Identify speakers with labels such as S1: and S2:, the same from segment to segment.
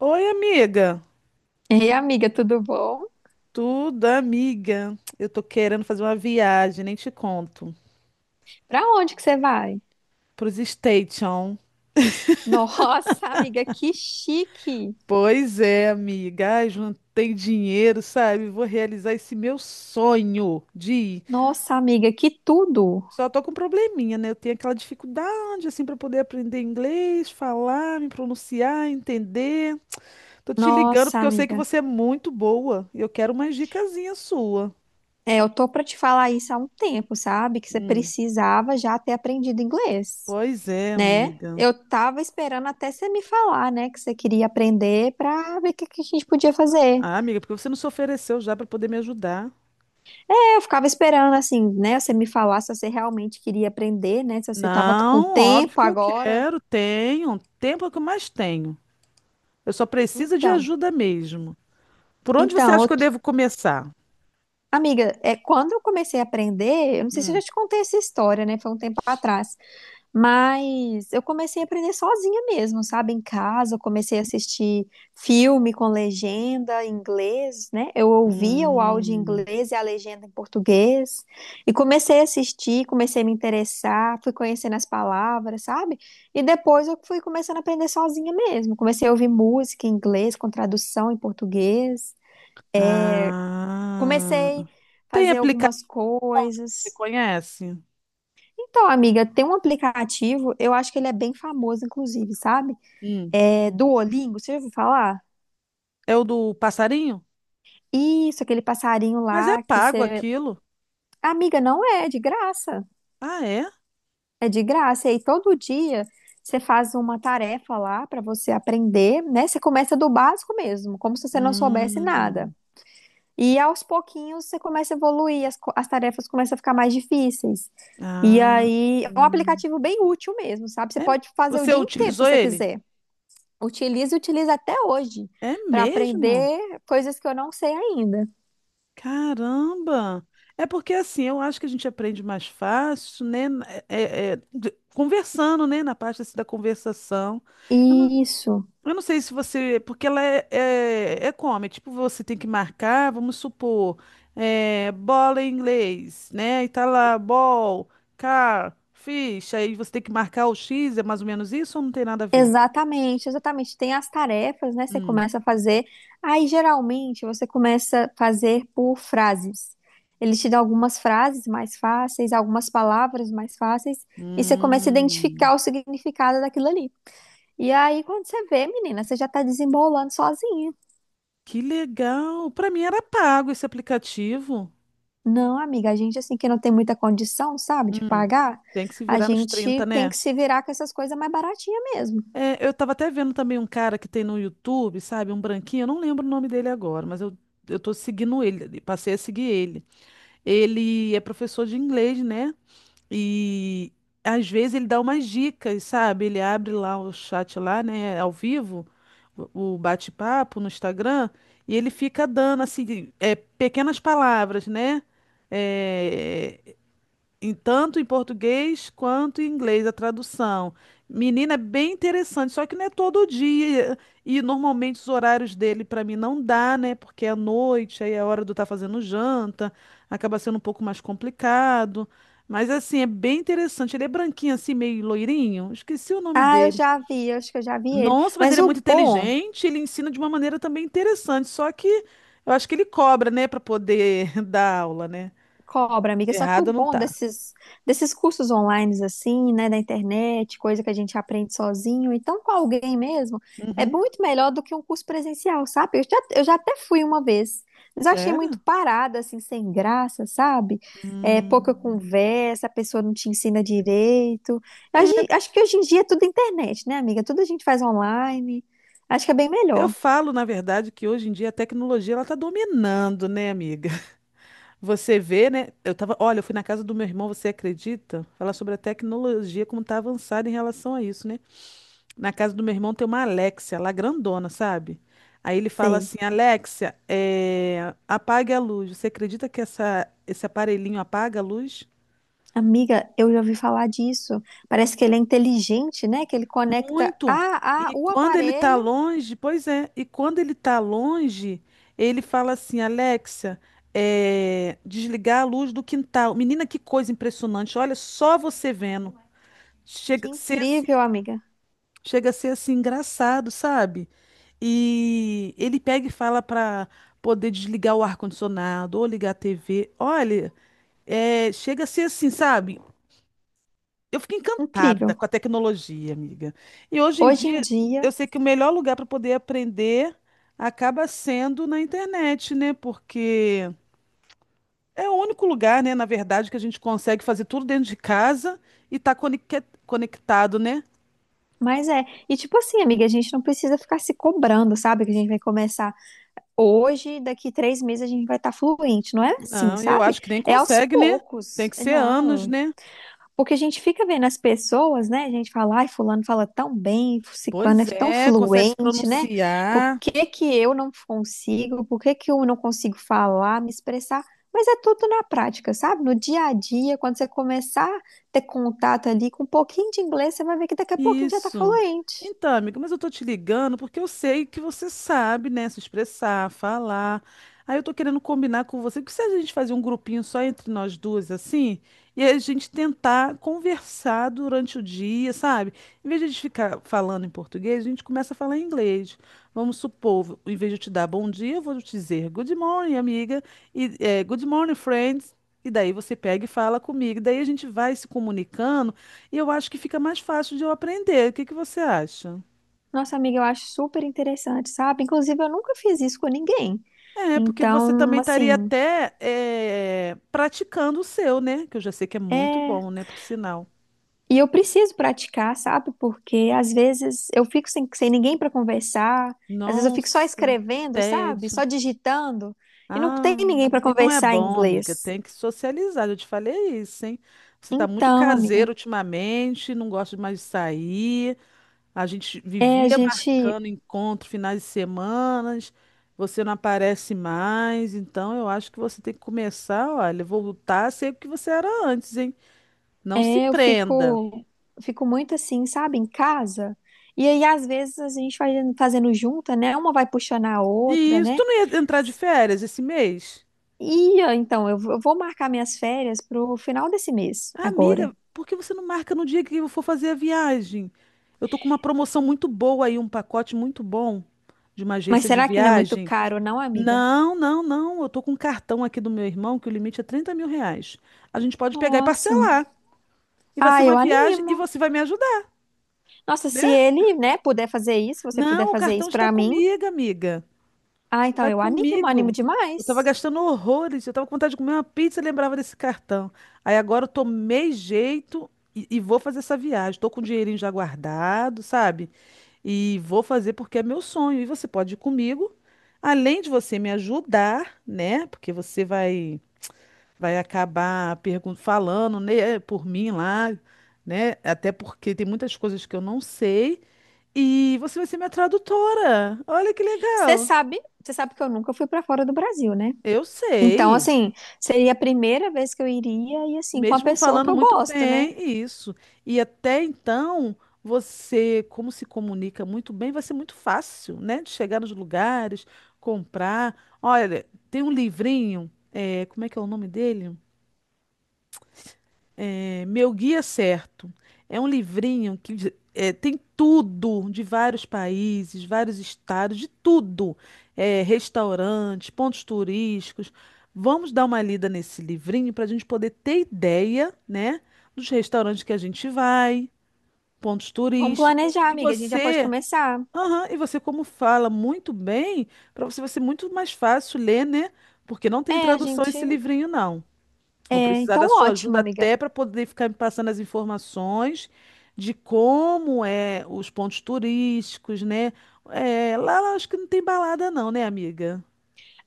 S1: Oi, amiga.
S2: Ei, amiga, tudo bom?
S1: Tudo, amiga. Eu tô querendo fazer uma viagem, nem te conto.
S2: Pra onde que você vai?
S1: Pros Station.
S2: Nossa, amiga, que chique!
S1: Pois é, amiga. Ai, juntei dinheiro, sabe? Vou realizar esse meu sonho de ir.
S2: Nossa, amiga, que tudo!
S1: Só tô com um probleminha, né? Eu tenho aquela dificuldade, assim, para poder aprender inglês, falar, me pronunciar, entender. Tô te ligando
S2: Nossa,
S1: porque eu sei que
S2: amiga.
S1: você é muito boa e eu quero uma dicasinha sua.
S2: É, eu tô pra te falar isso há um tempo, sabe? Que você precisava já ter aprendido inglês,
S1: Pois é,
S2: né?
S1: amiga.
S2: Eu tava esperando até você me falar, né, que você queria aprender pra ver o que que a gente podia fazer.
S1: Ah, amiga, porque você não se ofereceu já para poder me ajudar?
S2: É, eu ficava esperando, assim, né, você me falar se você realmente queria aprender, né, se você tava com
S1: Não, óbvio
S2: tempo
S1: que eu
S2: agora.
S1: quero. Tenho. Tempo é o que eu mais tenho. Eu só preciso de
S2: Então.
S1: ajuda mesmo. Por onde você
S2: Então,
S1: acha
S2: eu
S1: que eu devo começar?
S2: Amiga, é, quando eu comecei a aprender, eu não sei se eu já te contei essa história, né? Foi um tempo atrás, mas eu comecei a aprender sozinha mesmo, sabe? Em casa, eu comecei a assistir filme com legenda em inglês, né? Eu ouvia o áudio em
S1: Hum,
S2: inglês e a legenda em português, e comecei a assistir, comecei a me interessar, fui conhecendo as palavras, sabe? E depois eu fui começando a aprender sozinha mesmo. Comecei a ouvir música em inglês com tradução em português.
S1: ah,
S2: Comecei a
S1: tem
S2: fazer
S1: aplicativo
S2: algumas
S1: que você
S2: coisas.
S1: conhece?
S2: Então, amiga, tem um aplicativo, eu acho que ele é bem famoso, inclusive, sabe?
S1: Hum,
S2: É Duolingo, você já ouviu falar?
S1: é o do passarinho?
S2: Isso, aquele passarinho
S1: Mas é
S2: lá que
S1: pago
S2: você.
S1: aquilo.
S2: Amiga, não é, é de graça.
S1: Ah, é?
S2: É de graça. E aí, todo dia você faz uma tarefa lá para você aprender, né? Você começa do básico mesmo, como se você não soubesse nada.
S1: Hum,
S2: E aos pouquinhos você começa a evoluir, as tarefas começam a ficar mais difíceis. E
S1: ah,
S2: aí, é um
S1: hum.
S2: aplicativo bem útil mesmo, sabe? Você
S1: É-
S2: pode fazer o
S1: Você
S2: dia inteiro se
S1: utilizou
S2: você
S1: ele?
S2: quiser. Utilizo e utilizo até hoje
S1: É
S2: para
S1: mesmo?
S2: aprender coisas que eu não sei ainda.
S1: Caramba! É porque assim, eu acho que a gente aprende mais fácil, né? Conversando, né? Na parte assim, da conversação. Eu não,
S2: Isso.
S1: eu não sei se você. Porque ela é como? É tipo, você tem que marcar, vamos supor, é, bola em inglês, né? E tá lá, ball, car, fish. Aí você tem que marcar o X, é mais ou menos isso ou não tem nada a ver?
S2: Exatamente, exatamente. Tem as tarefas, né? Você
S1: Hum.
S2: começa a fazer. Aí, geralmente, você começa a fazer por frases. Ele te dá algumas frases mais fáceis, algumas palavras mais fáceis, e você começa a
S1: Hum.
S2: identificar o significado daquilo ali. E aí, quando você vê, menina, você já tá desembolando sozinha.
S1: Que legal! Pra mim era pago esse aplicativo.
S2: Não, amiga, a gente, assim, que não tem muita condição, sabe, de pagar,
S1: Tem que se
S2: a
S1: virar nos
S2: gente
S1: 30,
S2: tem
S1: né?
S2: que se virar com essas coisas mais baratinhas mesmo.
S1: É, eu tava até vendo também um cara que tem no YouTube, sabe? Um branquinho, eu não lembro o nome dele agora, eu tô seguindo ele, passei a seguir ele. Ele é professor de inglês, né? E às vezes ele dá umas dicas, sabe? Ele abre lá o chat lá, né? Ao vivo, o bate-papo no Instagram, e ele fica dando, assim, é, pequenas palavras, né? É, tanto em português quanto em inglês a tradução. Menina, é bem interessante, só que não é todo dia. E normalmente os horários dele para mim não dá, né? Porque é à noite, aí é a hora do estar fazendo janta, acaba sendo um pouco mais complicado. Mas assim, é bem interessante. Ele é branquinho assim, meio loirinho. Esqueci o nome
S2: Ah, eu
S1: dele.
S2: já vi, eu acho que eu já vi ele.
S1: Nossa, mas
S2: Mas
S1: ele é muito
S2: o bom.
S1: inteligente, ele ensina de uma maneira também interessante, só que eu acho que ele cobra, né, para poder dar aula, né?
S2: Cobra, amiga. Só que o
S1: Errado não
S2: bom
S1: tá.
S2: desses cursos online, assim, né, da internet, coisa que a gente aprende sozinho, então com alguém mesmo, é
S1: Uhum.
S2: muito melhor do que um curso presencial, sabe? Eu já até fui uma vez, mas eu achei muito
S1: Sério?
S2: parada, assim, sem graça, sabe? É, pouca
S1: Hum.
S2: conversa, a pessoa não te ensina direito.
S1: É,
S2: Acho que hoje em dia é tudo internet, né, amiga? Tudo a gente faz online. Acho que é bem
S1: eu
S2: melhor.
S1: falo, na verdade, que hoje em dia a tecnologia ela está dominando, né, amiga? Você vê, né? Eu tava, olha, eu fui na casa do meu irmão, você acredita? Falar sobre a tecnologia, como tá avançada em relação a isso, né? Na casa do meu irmão tem uma Alexia, lá grandona, sabe? Aí ele fala
S2: Sei.
S1: assim, Alexia, é, apague a luz. Você acredita que esse aparelhinho apaga a luz?
S2: Amiga, eu já ouvi falar disso. Parece que ele é inteligente, né? Que ele conecta
S1: Muito.
S2: a o aparelho.
S1: E quando ele tá longe, ele fala assim, Alexa, é, desligar a luz do quintal. Menina, que coisa impressionante. Olha só você vendo.
S2: Que
S1: Chega a ser assim,
S2: incrível, amiga.
S1: chega a ser assim engraçado, sabe? E ele pega e fala para poder desligar o ar-condicionado ou ligar a TV. Olha, é, chega a ser assim, sabe? Eu fiquei encantada
S2: Incrível.
S1: com a tecnologia, amiga. E hoje em
S2: Hoje
S1: dia,
S2: em dia,
S1: eu sei que o melhor lugar para poder aprender acaba sendo na internet, né? Porque é o único lugar, né, na verdade, que a gente consegue fazer tudo dentro de casa e tá conectado, né?
S2: mas é. E tipo assim, amiga, a gente não precisa ficar se cobrando, sabe? Que a gente vai começar hoje, daqui três meses a gente vai estar fluente. Não é assim,
S1: Não, eu
S2: sabe?
S1: acho que nem
S2: É aos
S1: consegue, né? Tem
S2: poucos.
S1: que ser anos,
S2: Não.
S1: né?
S2: Porque a gente fica vendo as pessoas, né? A gente fala, ai, fulano fala tão bem, ciclano é
S1: Pois
S2: tão
S1: é, consegue se
S2: fluente, né? Por
S1: pronunciar.
S2: que que eu não consigo? Por que que eu não consigo falar, me expressar? Mas é tudo na prática, sabe? No dia a dia, quando você começar a ter contato ali com um pouquinho de inglês, você vai ver que daqui a pouco a gente já tá
S1: Isso.
S2: fluente.
S1: Então, amiga, mas eu tô te ligando porque eu sei que você sabe, né, se expressar, falar. Aí eu tô querendo combinar com você, que se a gente fazer um grupinho só entre nós duas, assim, e a gente tentar conversar durante o dia, sabe? Em vez de a gente ficar falando em português, a gente começa a falar em inglês. Vamos supor, em vez de eu te dar bom dia, eu vou te dizer good morning, amiga, e eh, good morning, friends. E daí você pega e fala comigo. Daí a gente vai se comunicando e eu acho que fica mais fácil de eu aprender. O que que você acha?
S2: Nossa, amiga, eu acho super interessante, sabe? Inclusive, eu nunca fiz isso com ninguém.
S1: É, porque você
S2: Então,
S1: também estaria
S2: assim,
S1: até eh, praticando o seu, né? Que eu já sei que é
S2: é.
S1: muito bom, né? Por sinal.
S2: E eu preciso praticar, sabe? Porque às vezes eu fico sem ninguém para conversar, às vezes eu fico só
S1: Nossa, que
S2: escrevendo, sabe?
S1: tédio.
S2: Só digitando, e não
S1: Ah,
S2: tem ninguém para
S1: e não é
S2: conversar em
S1: bom, amiga.
S2: inglês.
S1: Tem que socializar. Eu te falei isso, hein? Você tá muito
S2: Então, amiga,
S1: caseiro ultimamente, não gosta mais de sair. A gente
S2: é, a
S1: vivia
S2: gente,
S1: marcando encontro, finais de semanas, você não aparece mais, então eu acho que você tem que começar, olha, voltar a ser o que você era antes, hein? Não se
S2: é, eu
S1: prenda.
S2: fico, eu fico muito assim, sabe? Em casa. E aí, às vezes, a gente vai fazendo junta, né? Uma vai puxando a
S1: E
S2: outra,
S1: isso,
S2: né?
S1: tu não ia entrar de férias esse mês?
S2: E ah, então, eu vou marcar minhas férias pro final desse mês, agora.
S1: Amiga, por que você não marca no dia que eu for fazer a viagem? Eu tô com uma promoção muito boa aí, um pacote muito bom de uma
S2: Mas
S1: agência de
S2: será que não é muito
S1: viagem.
S2: caro, não, amiga?
S1: Não. Eu tô com um cartão aqui do meu irmão que o limite é 30 mil reais. A gente pode pegar e
S2: Nossa.
S1: parcelar. E vai ser
S2: Ah,
S1: uma
S2: eu
S1: viagem e
S2: animo.
S1: você vai me ajudar,
S2: Nossa,
S1: né?
S2: se ele, né, puder fazer isso, você puder
S1: Não, o
S2: fazer
S1: cartão
S2: isso
S1: está
S2: pra mim,
S1: comigo, amiga.
S2: ah, então
S1: Está
S2: eu animo, animo
S1: comigo. Eu estava
S2: demais.
S1: gastando horrores. Eu estava com vontade de comer uma pizza e lembrava desse cartão. Aí agora eu tomei jeito e vou fazer essa viagem. Estou com o dinheirinho já guardado, sabe? E vou fazer porque é meu sonho. E você pode ir comigo. Além de você me ajudar, né? Porque vai acabar falando, né, por mim lá, né? Até porque tem muitas coisas que eu não sei. E você vai ser minha tradutora. Olha que legal.
S2: Você sabe que eu nunca fui pra fora do Brasil, né?
S1: Eu
S2: Então,
S1: sei,
S2: assim, seria a primeira vez que eu iria e assim, com a
S1: mesmo
S2: pessoa que
S1: falando
S2: eu
S1: muito
S2: gosto, né?
S1: bem isso. E até então, você, como se comunica muito bem, vai ser muito fácil, né? De chegar nos lugares, comprar. Olha, tem um livrinho, é, como é que é o nome dele? É, Meu Guia Certo é um livrinho é, tem tudo de vários países, vários estados, de tudo. É, restaurantes, pontos turísticos. Vamos dar uma lida nesse livrinho para a gente poder ter ideia, né, dos restaurantes que a gente vai, pontos
S2: Vamos
S1: turísticos.
S2: planejar,
S1: E
S2: amiga, a gente já pode
S1: você,
S2: começar.
S1: aham, e você como fala muito bem, para você vai ser muito mais fácil ler, né? Porque não tem
S2: É, a
S1: tradução
S2: gente,
S1: esse livrinho, não. Vou
S2: é,
S1: precisar
S2: então
S1: da sua
S2: ótimo,
S1: ajuda
S2: amiga.
S1: até para poder ficar me passando as informações de como é os pontos turísticos, né? É, lá acho que não tem balada não, né, amiga?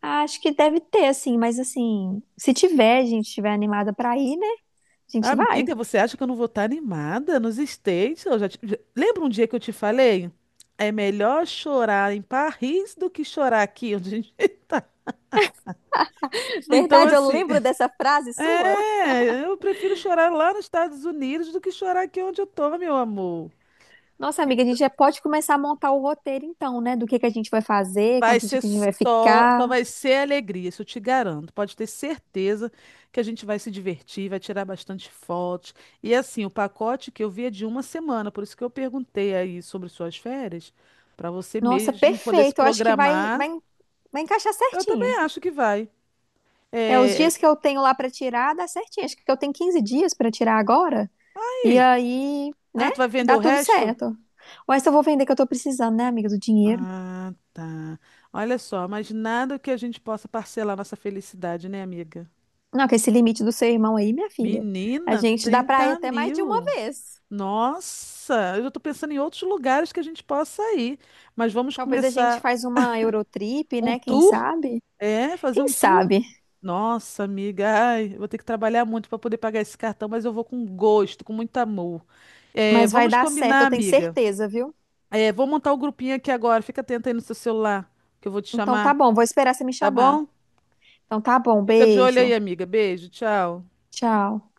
S2: Ah, acho que deve ter, assim, mas assim, se tiver, a gente estiver animada pra ir, né? A gente vai.
S1: Amiga, você acha que eu não vou estar animada nos States? Eu lembra um dia que eu te falei? É melhor chorar em Paris do que chorar aqui onde a gente está. Então,
S2: Verdade, eu
S1: assim,
S2: lembro dessa frase sua.
S1: é, eu prefiro chorar lá nos Estados Unidos do que chorar aqui onde eu tô, meu amor.
S2: Nossa, amiga, a gente já pode começar a montar o roteiro então, né? Do que a gente vai fazer, quanto dia que a gente vai
S1: Só
S2: ficar.
S1: vai ser alegria, isso eu te garanto. Pode ter certeza que a gente vai se divertir, vai tirar bastante fotos. E assim, o pacote que eu vi é de uma semana, por isso que eu perguntei aí sobre suas férias, para você
S2: Nossa,
S1: mesmo poder se
S2: perfeito. Eu acho que
S1: programar.
S2: vai encaixar
S1: Eu também
S2: certinho.
S1: acho que vai.
S2: É, os
S1: É...
S2: dias que eu tenho lá pra tirar, dá certinho. Acho que eu tenho 15 dias pra tirar agora. E
S1: aí?
S2: aí,
S1: Ah,
S2: né?
S1: tu vai vender o
S2: Dá tudo
S1: resto?
S2: certo. Mas eu vou vender que eu tô precisando, né, amiga, do dinheiro.
S1: Ah, tá. Olha só, mas nada que a gente possa parcelar nossa felicidade, né, amiga?
S2: Não, que esse limite do seu irmão aí, minha filha, a
S1: Menina,
S2: gente dá pra ir
S1: 30
S2: até mais de uma
S1: mil.
S2: vez.
S1: Nossa, eu já estou pensando em outros lugares que a gente possa ir. Mas vamos
S2: Talvez a gente
S1: começar
S2: faz uma Eurotrip,
S1: um
S2: né? Quem
S1: tour?
S2: sabe?
S1: É, fazer
S2: Quem
S1: um tour?
S2: sabe?
S1: Nossa, amiga, ai, eu vou ter que trabalhar muito para poder pagar esse cartão, mas eu vou com gosto, com muito amor. É,
S2: Mas vai
S1: vamos
S2: dar certo,
S1: combinar,
S2: eu tenho
S1: amiga.
S2: certeza, viu?
S1: É, vou montar o grupinho aqui agora. Fica atenta aí no seu celular, que eu vou te
S2: Então tá
S1: chamar,
S2: bom, vou esperar você me
S1: tá
S2: chamar.
S1: bom?
S2: Então tá bom,
S1: Fica de olho
S2: beijo.
S1: aí, amiga. Beijo, tchau.
S2: Tchau.